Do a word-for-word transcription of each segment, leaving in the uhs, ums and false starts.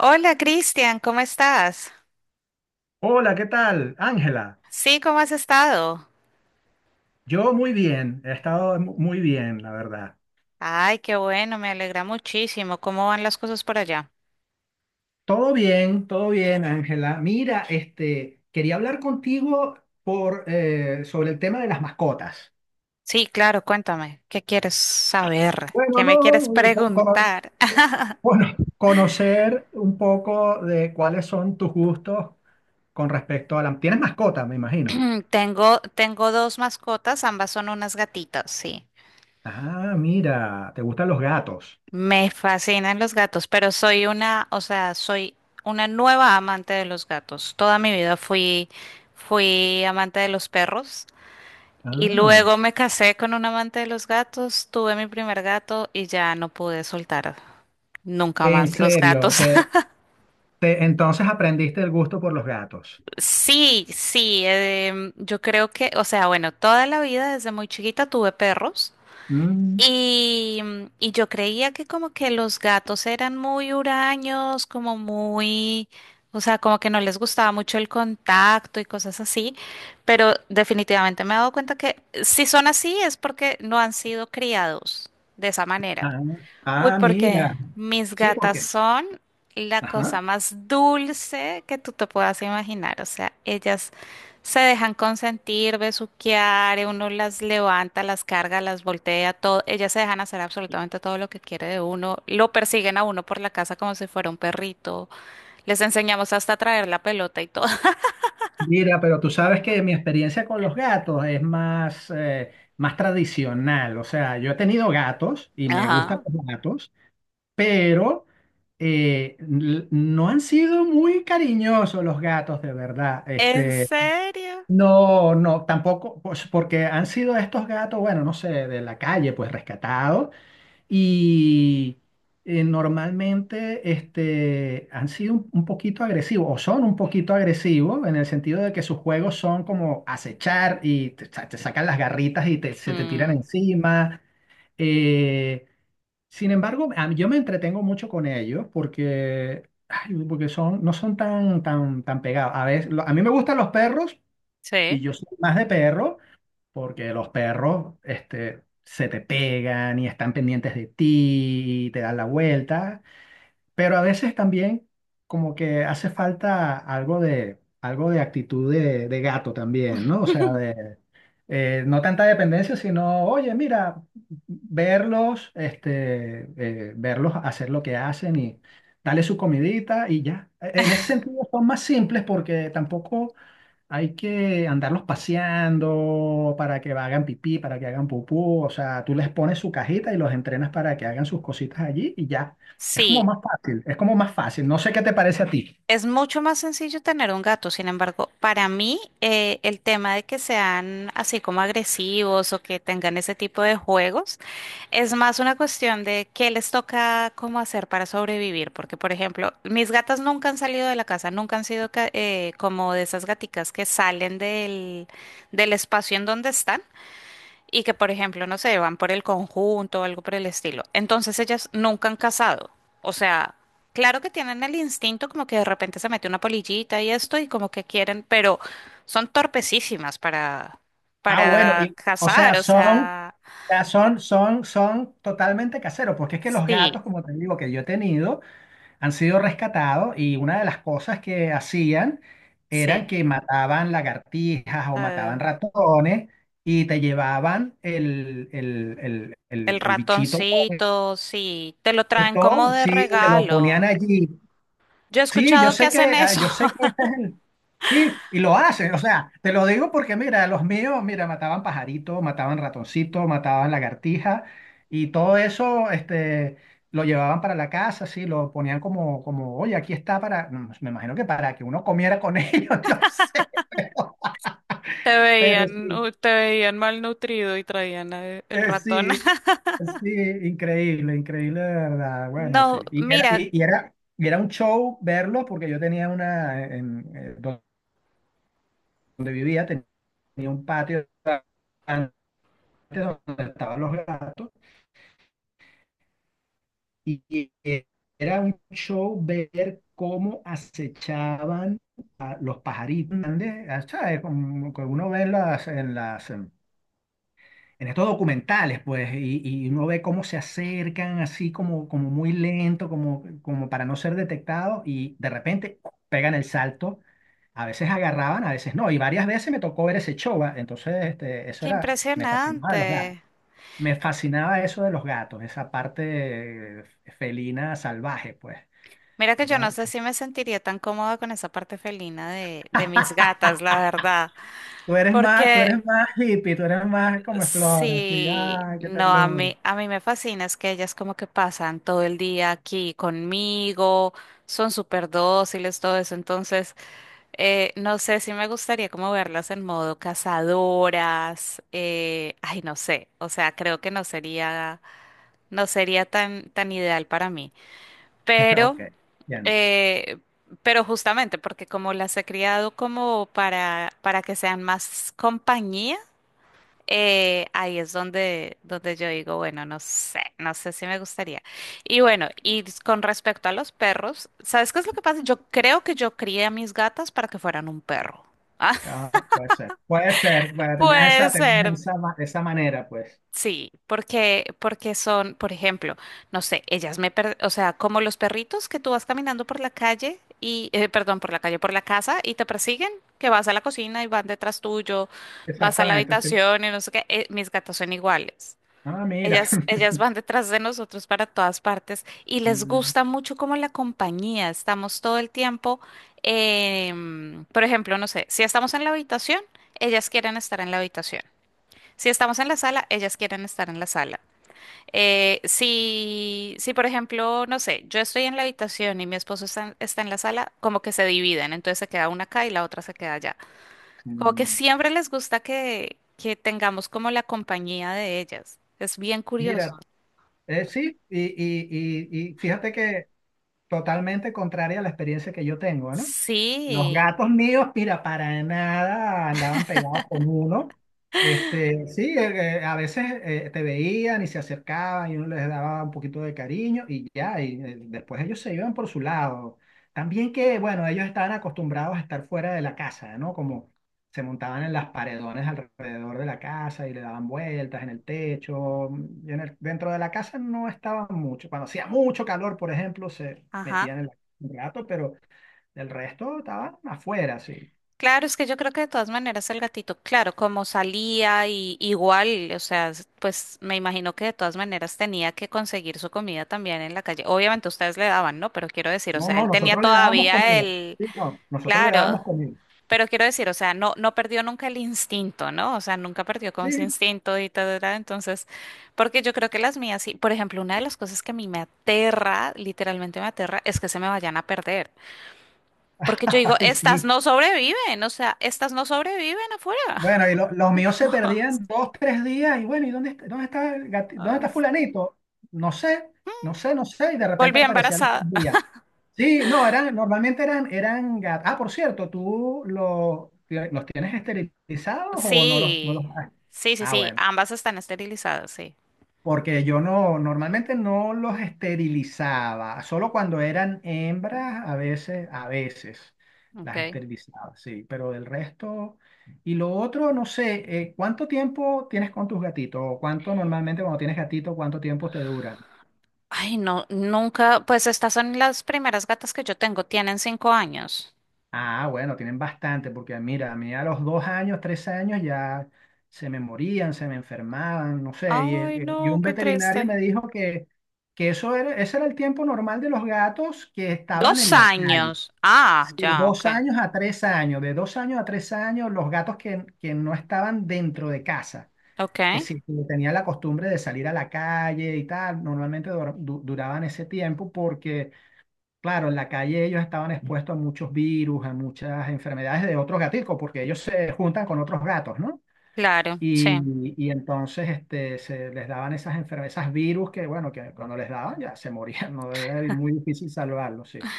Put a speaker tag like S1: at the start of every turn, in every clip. S1: Hola Cristian, ¿cómo estás?
S2: Hola, ¿qué tal? Ángela,
S1: Sí, ¿cómo has estado?
S2: yo muy bien, he estado mu- muy bien, la verdad.
S1: Ay, qué bueno, me alegra muchísimo. ¿Cómo van las cosas por allá?
S2: Todo bien, todo bien, Ángela. Mira, este, quería hablar contigo por, eh, sobre el tema de las mascotas.
S1: Sí, claro, cuéntame, ¿qué quieres saber?
S2: Bueno,
S1: ¿Qué me quieres
S2: no, eh, co- cono-
S1: preguntar?
S2: bueno, conocer un poco de cuáles son tus gustos con respecto a la... ¿Tienes mascota, me imagino?
S1: Tengo, tengo dos mascotas, ambas son unas gatitas, sí.
S2: Ah, mira, ¿te gustan los gatos?
S1: Me fascinan los gatos, pero soy una, o sea, soy una nueva amante de los gatos. Toda mi vida fui, fui amante de los perros. Y
S2: Ah,
S1: luego me casé con un amante de los gatos, tuve mi primer gato y ya no pude soltar nunca
S2: en
S1: más los
S2: serio,
S1: gatos.
S2: te, te- entonces aprendiste el gusto por los gatos.
S1: Sí, sí, em, yo creo que, o sea, bueno, toda la vida desde muy chiquita tuve perros.
S2: Mm,
S1: Y, y yo creía que como que los gatos eran muy huraños, como muy, o sea, como que no les gustaba mucho el contacto y cosas así, pero definitivamente me he dado cuenta que si son así es porque no han sido criados de esa manera.
S2: ah,
S1: Uy,
S2: ah,
S1: porque
S2: mira.
S1: mis
S2: Sí,
S1: gatas
S2: porque.
S1: son la cosa
S2: Ajá.
S1: más dulce que tú te puedas imaginar. O sea, ellas se dejan consentir, besuquear, eh, uno las levanta, las carga, las voltea, todo. Ellas se dejan hacer absolutamente todo lo que quiere de uno. Lo persiguen a uno por la casa como si fuera un perrito. Les enseñamos hasta a traer la pelota y todo.
S2: Mira, pero tú sabes que mi experiencia con los gatos es más, eh, más tradicional. O sea, yo he tenido gatos y me gustan
S1: Ajá.
S2: los gatos, pero eh, n- no han sido muy cariñosos los gatos, de verdad.
S1: ¿En
S2: Este,
S1: serio?
S2: no, no, tampoco, pues, porque han sido estos gatos, bueno, no sé, de la calle, pues rescatados. Y eh, normalmente este, han sido un, un poquito agresivos o son un poquito agresivos en el sentido de que sus juegos son como acechar y te, sa- te sacan las garritas y te- se te tiran
S1: Mm,
S2: encima. Eh, sin embargo, a mí- yo me entretengo mucho con ellos porque, ay, porque son, no son tan, tan, tan pegados. A veces, lo- a mí me gustan los perros y
S1: sí.
S2: yo soy más de perro porque los perros este, se te pegan y están pendientes de ti y te dan la vuelta, pero a veces también como que hace falta algo de, algo de actitud de, de gato también, ¿no? O sea, de, eh, no tanta dependencia, sino, oye, mira, verlos, este, eh, verlos hacer lo que hacen y... Dale su comidita y ya. E, En ese sentido son más simples porque tampoco hay que andarlos paseando para que hagan pipí, para que hagan pupú. O sea, tú les pones su cajita y los entrenas para que hagan sus cositas allí y ya. Es como
S1: Sí.
S2: más fácil, es como más fácil. No sé qué te parece a ti.
S1: Es mucho más sencillo tener un gato, sin embargo, para mí eh, el tema de que sean así como agresivos o que tengan ese tipo de juegos es más una cuestión de qué les toca cómo hacer para sobrevivir, porque por ejemplo, mis gatas nunca han salido de la casa, nunca han sido ca- eh, como de esas gaticas que salen del, del espacio en donde están y que, por ejemplo, no sé, van por el conjunto o algo por el estilo. Entonces ellas nunca han casado. O sea, claro que tienen el instinto como que de repente se mete una polillita y esto y como que quieren, pero son torpecísimas para,
S2: Ah, bueno,
S1: para
S2: y, o
S1: casar.
S2: sea,
S1: O
S2: son, o
S1: sea,
S2: sea, son, son, son totalmente caseros, porque es que los
S1: sí,
S2: gatos, como te digo, que yo he tenido, han sido rescatados y una de las cosas que hacían eran
S1: sí.
S2: que mataban lagartijas o
S1: Ah,
S2: mataban ratones y te llevaban el, el, el, el,
S1: el
S2: el bichito
S1: ratoncito, sí, te lo traen como
S2: muerto,
S1: de
S2: sí, te lo ponían
S1: regalo.
S2: allí.
S1: Yo he
S2: Sí, yo
S1: escuchado que
S2: sé que,
S1: hacen
S2: ah,
S1: eso.
S2: yo sé que ese es el. Sí, y lo hacen, o sea, te lo digo porque mira, los míos, mira, mataban pajarito, mataban ratoncito, mataban lagartija y todo eso, este, lo llevaban para la casa, sí, lo ponían como, como, oye, aquí está para, mm, me imagino que para que uno comiera con ellos, no sé,
S1: Te
S2: pero
S1: veían,
S2: sí,
S1: uh, te veían malnutrido y traían eh, el
S2: eh,
S1: ratón.
S2: sí, sí, increíble, increíble de verdad, bueno, sí,
S1: No,
S2: y era,
S1: mira,
S2: y, y era, y era un show verlo porque yo tenía una, en, eh, donde vivía, tenía un patio donde estaban los gatos y, era un show ver cómo acechaban a los pajaritos grandes, ¿sabes? Como que uno ve en las, en las, em, en estos documentales, pues, y, y uno ve cómo se acercan así como, como muy lento, como, como para no ser detectados y de repente ¡cu! Pegan el salto. A veces agarraban, a veces no, y varias veces me tocó ver ese show, ¿va? Entonces este, eso
S1: qué
S2: era, me fascinaba de los gatos.
S1: impresionante.
S2: Me fascinaba eso de los gatos, esa parte eh, felina salvaje, pues.
S1: Mira que yo
S2: Era-
S1: no sé si me sentiría tan cómoda con esa parte felina de, de mis gatas, la verdad.
S2: tú eres más, tú
S1: Porque
S2: eres más hippie, tú eres más como flor, así,
S1: sí,
S2: ay, qué
S1: no, a
S2: ternura.
S1: mí, a mí me fascina es que ellas como que pasan todo el día aquí conmigo, son súper dóciles, todo eso. Entonces, eh, no sé si me gustaría como verlas en modo cazadoras. Eh, ay, no sé. O sea, creo que no sería, no sería tan, tan ideal para mí. Pero,
S2: Ok, bien.
S1: eh, pero justamente porque como las he criado como para, para que sean más compañía, eh, ahí es donde, donde, yo digo, bueno, no sé, no sé si me gustaría. Y bueno, y con respecto a los perros, ¿sabes qué es lo que pasa? Yo creo que yo crié a mis gatas para que fueran un perro.
S2: Ah, puede ser, puede ser. Bueno, tenías
S1: Puede
S2: esa, tenías
S1: ser.
S2: esa, ma- esa manera, pues.
S1: Sí, porque, porque son, por ejemplo, no sé, ellas me, per- o sea, como los perritos que tú vas caminando por la calle y, eh, perdón, por la calle, por la casa y te persiguen, que vas a la cocina y van detrás tuyo, vas a la
S2: Exactamente, sí.
S1: habitación y no sé qué, eh, mis gatas son iguales.
S2: Ah, mira.
S1: Ellas, ellas van detrás de nosotros para todas partes y les
S2: Mm,
S1: gusta mucho como la compañía. Estamos todo el tiempo, em, por ejemplo, no sé, si estamos en la habitación, ellas quieren estar en la habitación. Si estamos en la sala, ellas quieren estar en la sala. Eh, si, si, por ejemplo, no sé, yo estoy en la habitación y mi esposo está, está en la sala, como que se dividen, entonces se queda una acá y la otra se queda allá. Como que
S2: mm.
S1: siempre les gusta que, que tengamos como la compañía de ellas. Es bien curioso.
S2: Mira, eh, sí, y, y, y, y fíjate que totalmente contraria a la experiencia que yo tengo, no. Los
S1: Sí,
S2: gatos míos, mira, para nada andaban pegados con uno. Este, sí, eh, eh, a veces eh, te veían y se acercaban y uno les daba un poquito de cariño y ya, y eh, después ellos se iban por su lado. También que, bueno, ellos estaban acostumbrados a estar fuera de la casa, ¿no? Como se montaban en las paredones alrededor de la casa y le daban vueltas en el techo. Y en el- dentro de la casa no estaban mucho. Cuando hacía mucho calor, por ejemplo, se
S1: ajá.
S2: metían en la un rato, pero... Del resto estaban afuera, sí.
S1: Claro, es que yo creo que de todas maneras el gatito, claro, como salía y igual, o sea, s- pues me imagino que de todas maneras tenía que conseguir su comida también en la calle. Obviamente ustedes le daban, ¿no? Pero quiero decir, o
S2: No,
S1: sea,
S2: no,
S1: él tenía
S2: nosotros le dábamos
S1: todavía
S2: comida.
S1: el,
S2: Sí, no, nosotros le
S1: claro,
S2: dábamos comida.
S1: pero quiero decir, o sea, no, no perdió nunca el instinto, ¿no? O sea, nunca perdió como ese
S2: Sí,
S1: instinto y todo, ¿verdad? Entonces, porque yo creo que las mías, sí, por ejemplo, una de las cosas que a mí me aterra, literalmente me aterra, es que se me vayan a perder. Porque yo digo,
S2: ay,
S1: estas
S2: sí.
S1: no sobreviven, o sea, estas no sobreviven afuera.
S2: Bueno, y lo- los míos se perdían dos, tres días, y bueno, ¿y dónde, está- dónde está el gati- dónde
S1: Ah,
S2: está fulanito? No sé, no sé, no sé, y de repente
S1: volví
S2: aparecían estos
S1: embarazada.
S2: días. Sí, no, eran, normalmente eran, eran gat- ah, por cierto, ¿tú lo- los tienes esterilizados o no los, no los
S1: Sí,
S2: has?
S1: sí, sí,
S2: Ah,
S1: sí,
S2: bueno.
S1: ambas están esterilizadas, sí.
S2: Porque yo no, normalmente no los esterilizaba, solo cuando eran hembras, a veces, a veces las
S1: Okay.
S2: esterilizaba, sí, pero del resto. Y lo otro, no sé, eh, ¿cuánto tiempo tienes con tus gatitos? ¿O cuánto normalmente cuando tienes gatito, cuánto tiempo te duran?
S1: Ay, no, nunca, pues estas son las primeras gatas que yo tengo, tienen cinco años.
S2: Ah, bueno, tienen bastante, porque mira, a mí a los dos años, tres años ya se me morían, se me enfermaban, no sé, y, el-
S1: Ay,
S2: el- y
S1: no,
S2: un
S1: qué
S2: veterinario
S1: triste.
S2: me dijo que, que eso era, ese era el tiempo normal de los gatos que estaban
S1: Dos
S2: en la calle.
S1: años. Ah,
S2: De sí.
S1: ya, ok.
S2: Dos años a tres años, de dos años a tres años, los gatos que, que no estaban dentro de casa,
S1: Ok,
S2: que sí que tenían la costumbre de salir a la calle y tal, normalmente dur- du- duraban ese tiempo porque claro, en la calle ellos estaban expuestos a muchos virus, a muchas enfermedades de otros gaticos, porque ellos se juntan con otros gatos, ¿no?
S1: claro, sí.
S2: Y, y entonces este, se les daban esas enfermedades, esas virus que, bueno, que cuando les daban ya se morían, ¿no? Era muy difícil salvarlos, sí.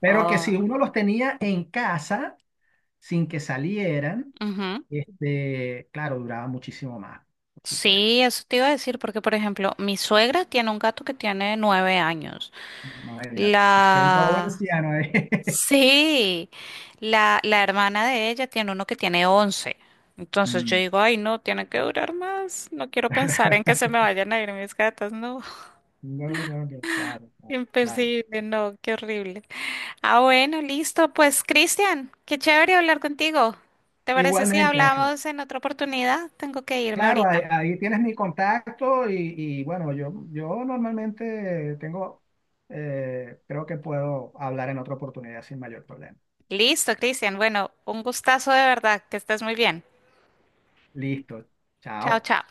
S2: Pero que si
S1: Oh,
S2: uno los tenía en casa sin que salieran,
S1: ujú.
S2: este, claro, duraba muchísimo más, por supuesto.
S1: Sí, eso te iba a decir, porque por ejemplo, mi suegra tiene un gato que tiene nueve años.
S2: Imagínate, soy un pobre
S1: La...
S2: anciano ahí.
S1: Sí, la, la hermana de ella tiene uno que tiene once. Entonces yo
S2: Mm.
S1: digo, ay, no, tiene que durar más. No quiero pensar en que se me vayan a ir mis gatas. No,
S2: No, no, que claro, claro. Claro.
S1: imposible, no, qué horrible. Ah, bueno, listo. Pues, Cristian, qué chévere hablar contigo. ¿Te parece si
S2: Igualmente, Ángela.
S1: hablamos en otra oportunidad? Tengo que irme
S2: Claro, ahí,
S1: ahorita.
S2: ahí tienes mi contacto y, y, bueno, yo, yo normalmente tengo, eh, creo que puedo hablar en otra oportunidad sin mayor problema.
S1: Listo, Cristian. Bueno, un gustazo de verdad. Que estés muy bien.
S2: Listo,
S1: Chao,
S2: chao.
S1: chao.